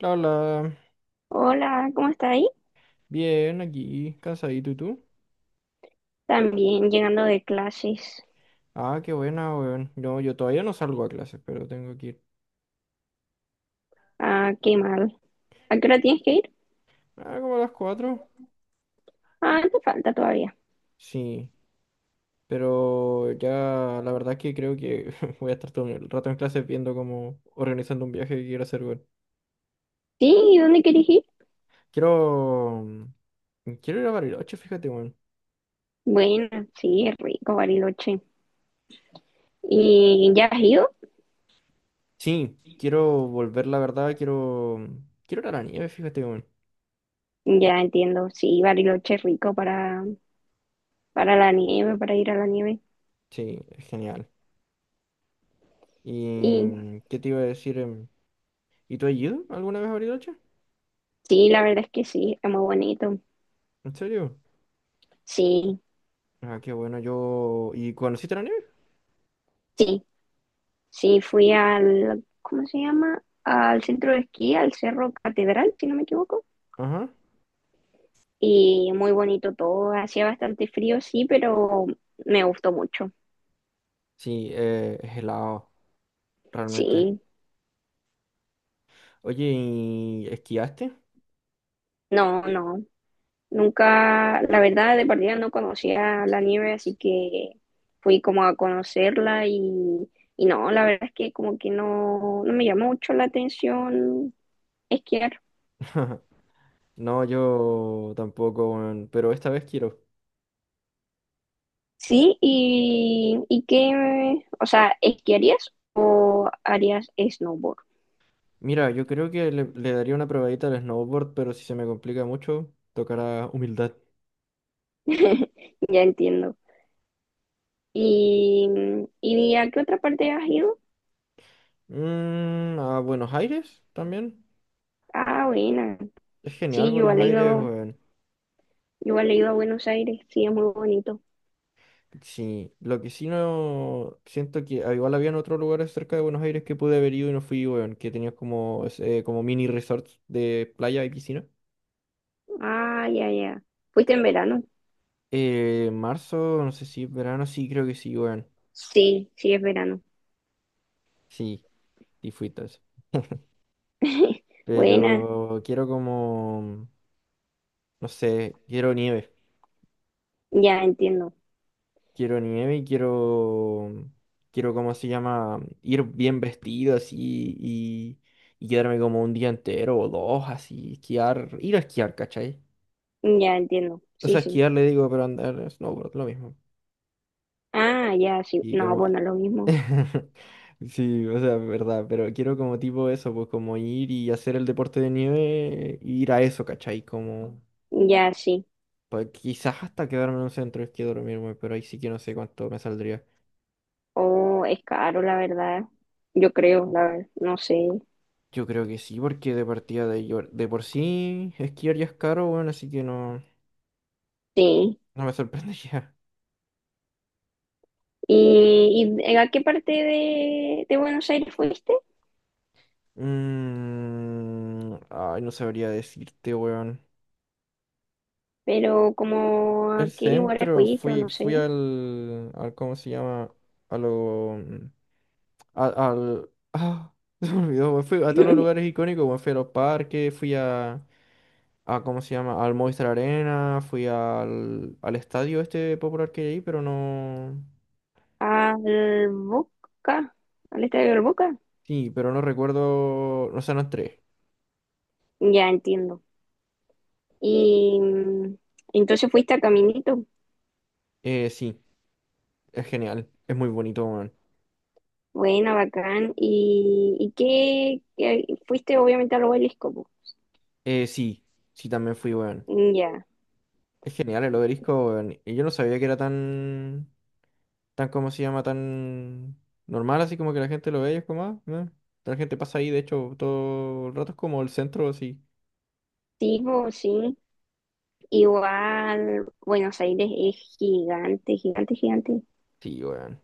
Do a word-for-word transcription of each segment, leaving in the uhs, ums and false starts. La, la, Hola, ¿cómo está ahí? Bien, aquí, cansadito, ¿y tú? También llegando de clases. Ah, qué buena, weón. No, yo todavía no salgo a clases, pero tengo que ir. Ah, qué mal. ¿A qué hora tienes que ir? Ah, ¿como a las cuatro? Ah, te falta todavía. Sí, pero ya la verdad que creo que voy a estar todo el rato en clases viendo cómo organizando un viaje que quiero hacer, weón. Sí, ¿y dónde quieres ir? Quiero... mm, Quiero ir a Bariloche, fíjate, weón. Bueno, sí, es rico, Bariloche. ¿Y ya has ido? Sí, quiero volver, la verdad, quiero... Quiero ir a la nieve, fíjate, weón. Ya entiendo, sí, Bariloche es rico para, para la nieve, para ir a la nieve. Sí, es genial. ¿Y Y mm, qué te iba a decir? em, ¿Y tú has ido alguna vez a Bariloche? sí, la verdad es que sí, es muy bonito. ¿En serio? Sí, Ah, qué bueno, yo... ¿Y conociste la nieve? sí, sí, fui al, ¿cómo se llama? Al centro de esquí, al Cerro Catedral, si no me equivoco. Ajá. Y muy bonito todo. Hacía bastante frío, sí, pero me gustó mucho. Sí, eh, es helado, realmente. Sí, Oye, ¿y esquiaste? no, no. Nunca, la verdad, de partida no conocía la nieve, así que fui como a conocerla y, y no, la verdad es que como que no, no me llamó mucho la atención esquiar. No, yo tampoco, weón, pero esta vez quiero. Sí, y, y qué, o sea, ¿esquiarías o harías snowboard? Mira, yo creo que le, le daría una probadita al snowboard, pero si se me complica mucho, tocará humildad. Ya entiendo. ¿Y, y a qué otra parte has ido? Mm, a Buenos Aires también. Ah, buena. Es genial Sí, yo he Buenos Aires, leído, weón. yo he leído a Buenos Aires. Sí, es muy bonito. Sí, lo que sí no siento que ah, igual habían otros lugares cerca de Buenos Aires que pude haber ido y no fui, weón, que tenías como, eh, como mini resorts de playa y piscina. Ah, ya, ya. ¿Fuiste en verano? Eh, marzo, no sé si verano, sí, creo que sí, weón. Sí, sí, es verano. Sí, y fui todo eso. Buena. Pero quiero como, no sé, quiero nieve. Ya entiendo. Quiero nieve y quiero, quiero, ¿cómo se llama? Ir bien vestido así y, y quedarme como un día entero o dos así, esquiar, ir a esquiar, ¿cachai? Ya entiendo. O Sí, sea, sí. esquiar le digo, pero andar snowboard, lo mismo. Ah, ya, sí. Y No, como... bueno, lo mismo. Sí, o sea, verdad, pero quiero como tipo eso, pues como ir y hacer el deporte de nieve, ir a eso, ¿cachai? Como... Ya, sí. Pues quizás hasta quedarme en un centro de esquí a dormirme, pero ahí sí que no sé cuánto me saldría. Oh, es caro, la verdad. Yo creo, la verdad. No sé. Yo creo que sí, porque de partida de, yo- de por sí esquiar ya es caro, bueno, así que no, Sí. no me sorprendería. ¿Y, y eh, a qué parte de, de Buenos Aires fuiste? Mm, ay, no sabría decirte, weón. Pero como a El qué lugares centro, fuiste o fui, no fui sé. al, al, ¿cómo se llama? A lo, mm, a- al, ah, se me olvidó, weón. Fui a todos los lugares icónicos, weón. Fui a los parques, fui a, a, ¿cómo se llama? Al Movistar Arena, fui al, al estadio este popular que hay, ahí, pero no, Al Boca, al estadio del Boca. sí, pero no recuerdo, no, o sea, no entré. Ya entiendo. Y mm, entonces fuiste a Caminito. Eh, sí, es genial, es muy bonito, weón. Buena, bacán. ¿Y, y qué, qué- Fuiste obviamente al obelisco po. Eh, sí, sí, también fui, weón. Ya. Es genial el obelisco, weón. Y yo no sabía que era tan... tan como se llama, tan normal, así como que la gente lo ve y es como, ah, meh. La gente pasa ahí, de hecho, todo el rato es como el centro, así. Sí, po, sí. Igual Buenos Aires es gigante, gigante, gigante. Sí, weón.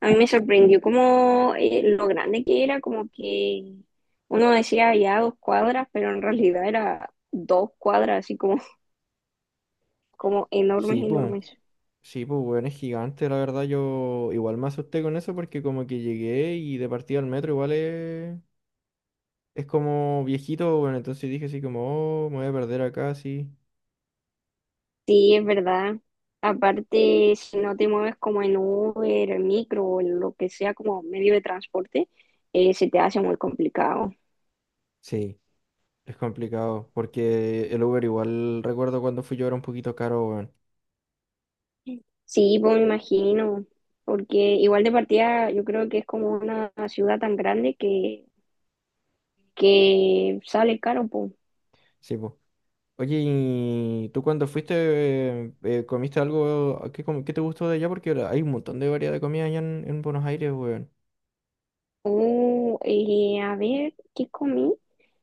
A mí me sorprendió como eh, lo grande que era, como que uno decía ya dos cuadras, pero en realidad era dos cuadras, así como, como enormes, Sí, pum. enormes. Sí, pues, weón, es gigante, la verdad. Yo igual me asusté con eso porque como que llegué y de partida al metro igual es, es como viejito, bueno, entonces dije así como, oh, me voy a perder acá, sí. Sí, es verdad. Aparte, si no te mueves como en Uber, en micro o en lo que sea como medio de transporte, eh, se te hace muy complicado. Sí, es complicado porque el Uber igual, recuerdo cuando fui yo era un poquito caro, weón. Sí, pues me imagino, porque igual de partida yo creo que es como una ciudad tan grande que, que sale caro, pues. Sí, pues. Oye, ¿y tú cuando fuiste eh, comiste algo qué com- que te gustó de allá? Porque la- hay un montón de variedad de comida allá en, en Buenos Aires, weón. Oh, eh, a ver, ¿qué comí?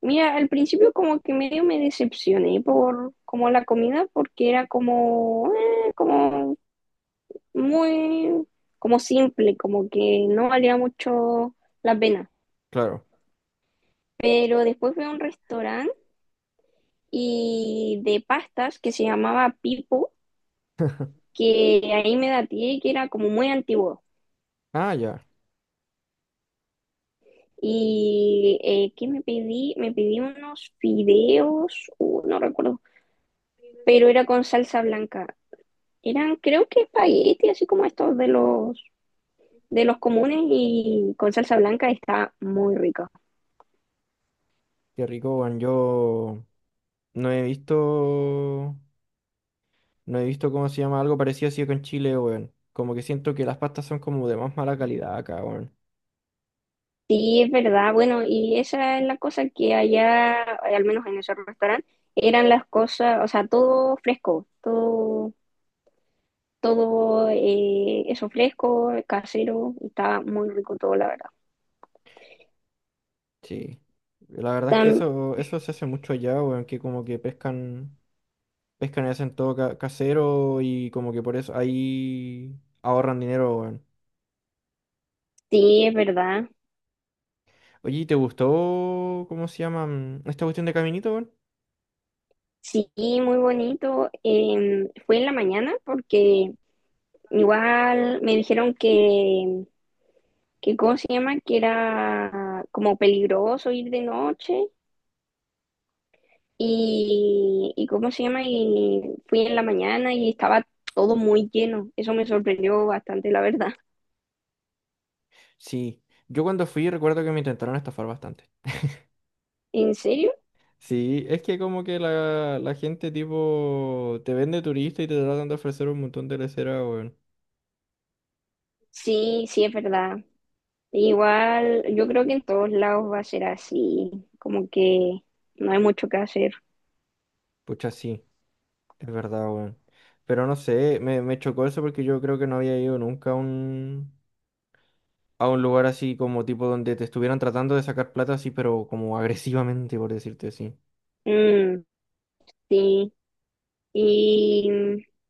Mira, al principio como que medio me decepcioné por como la comida, porque era como, eh, como muy como simple, como que no valía mucho la pena. Claro. Pero después fui a un restaurante y de pastas que se llamaba Pipo, que ahí me daté que era como muy antiguo. Ah, ya. Y eh, ¿qué me pedí? Me pedí unos fideos, uh, no recuerdo, pero era con salsa blanca. Eran, creo que espagueti, así como estos de los de los comunes y con salsa blanca está muy rico. Qué rico, weón. Yo no he visto, no he visto cómo se llama algo parecido así con Chile, weón. Como que siento que las pastas son como de más mala calidad acá, weón. Sí, es verdad. Bueno, y esa es la cosa que allá, al menos en ese restaurante, eran las cosas, o sea, todo fresco, todo, todo eh, eso fresco, casero, y estaba muy rico todo, la verdad. Sí. La verdad es que Tam- eso, eso se hace mucho allá, weón, que como que pescan, pescan y hacen todo ca- casero y como que por eso ahí ahorran dinero, weón. sí, es verdad. Oye, ¿y te gustó, cómo se llama, mm, esta cuestión de Caminito, weón? Sí, muy bonito. Eh, fue en la mañana porque igual me dijeron que, que, ¿cómo se llama? Que era como peligroso ir de noche. Y, y ¿cómo se llama? Y fui en la mañana y estaba todo muy lleno. Eso me sorprendió bastante, la verdad. Sí, yo cuando fui recuerdo que me intentaron estafar bastante. ¿En serio? Sí, es que como que la, la gente tipo te vende turista y te tratan de ofrecer un montón de lesera, weón. Sí, sí, es verdad. Igual, yo creo que en todos lados va a ser así, como que no hay mucho que hacer. Pucha, sí, es verdad, weón. Pero no sé, me, me chocó eso porque yo creo que no había ido nunca a un, a un, lugar así como tipo donde te estuvieran tratando de sacar plata así, pero como agresivamente, por decirte así. Mm, sí. Y,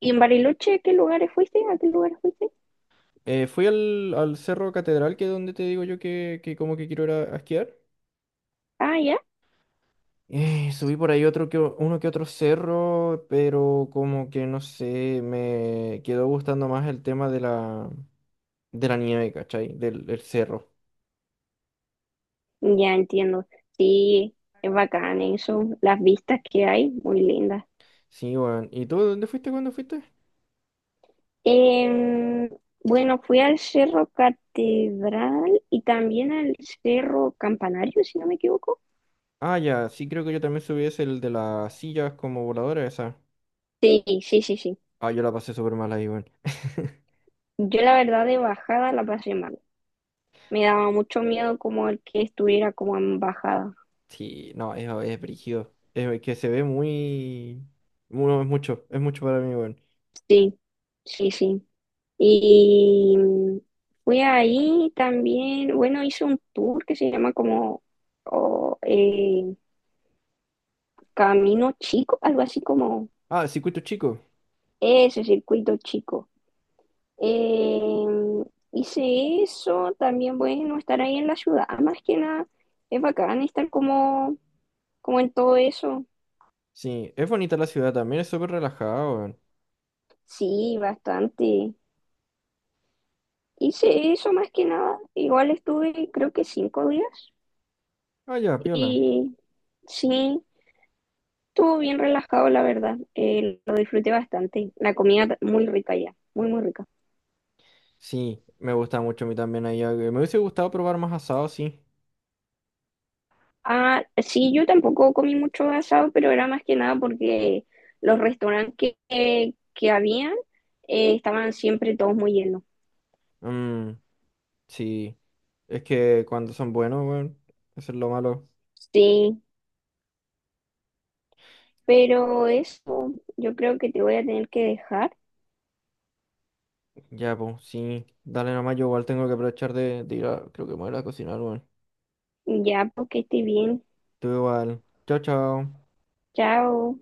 y en Bariloche, ¿qué lugares fuiste? ¿A qué lugares fuiste? Eh, fui al, al Cerro Catedral, que es donde te digo yo que, que como que quiero ir a, a esquiar. Ah, ya. Eh, subí por ahí otro que, o- uno que otro cerro, pero como que no sé, me quedó gustando más el tema de la, de la nieve, ¿cachai? Del, del cerro. Ya entiendo. Sí, es bacán eso. Las vistas que hay, muy lindas. Sí, weón. ¿Y tú dónde fuiste cuando fuiste? Em, bueno, fui al Cerro Catedral y también al Cerro Campanario, si no me equivoco. Ah, ya, sí, creo que yo también subí ese, el de las sillas como voladora esa. Sí, sí, sí, sí. Ah, yo la pasé súper mal ahí, weón. Yo la verdad de bajada la pasé mal. Me daba mucho miedo como el que estuviera como en bajada. Sí, no, es, es brígido. Es que se ve muy... mu- no, es mucho, es mucho, para mí, weón. Sí, sí, sí. Y mm, fui ahí también, bueno, hice un tour que se llama como o, eh, Camino Chico, algo así como Ah, circuito chico. ese circuito chico. Eh, hice eso, también bueno, estar ahí en la ciudad, más que nada, es bacán estar como, como en todo eso. Sí, es bonita la ciudad también, es súper relajada, weón. Sí, bastante. Hice eso más que nada, igual estuve creo que cinco días Ah, ya, piola. y sí, estuvo bien relajado la verdad. Eh, lo disfruté bastante, la comida muy rica ya, muy muy rica. Sí, me gusta mucho a mí también allá. eh, Me hubiese gustado probar más asado, sí. Ah, sí, yo tampoco comí mucho asado, pero era más que nada porque los restaurantes que, que, que habían eh, estaban siempre todos muy llenos. Mm, sí. Es que cuando son buenos, weón. Eso es lo malo. Sí, pero eso yo creo que te voy a tener que dejar Ya, pues, sí. Dale nomás, yo igual tengo que aprovechar de, de ir a, creo que me voy a ir a cocinar, weón. ya porque estoy bien. Tú igual. Chao, chao. Chao.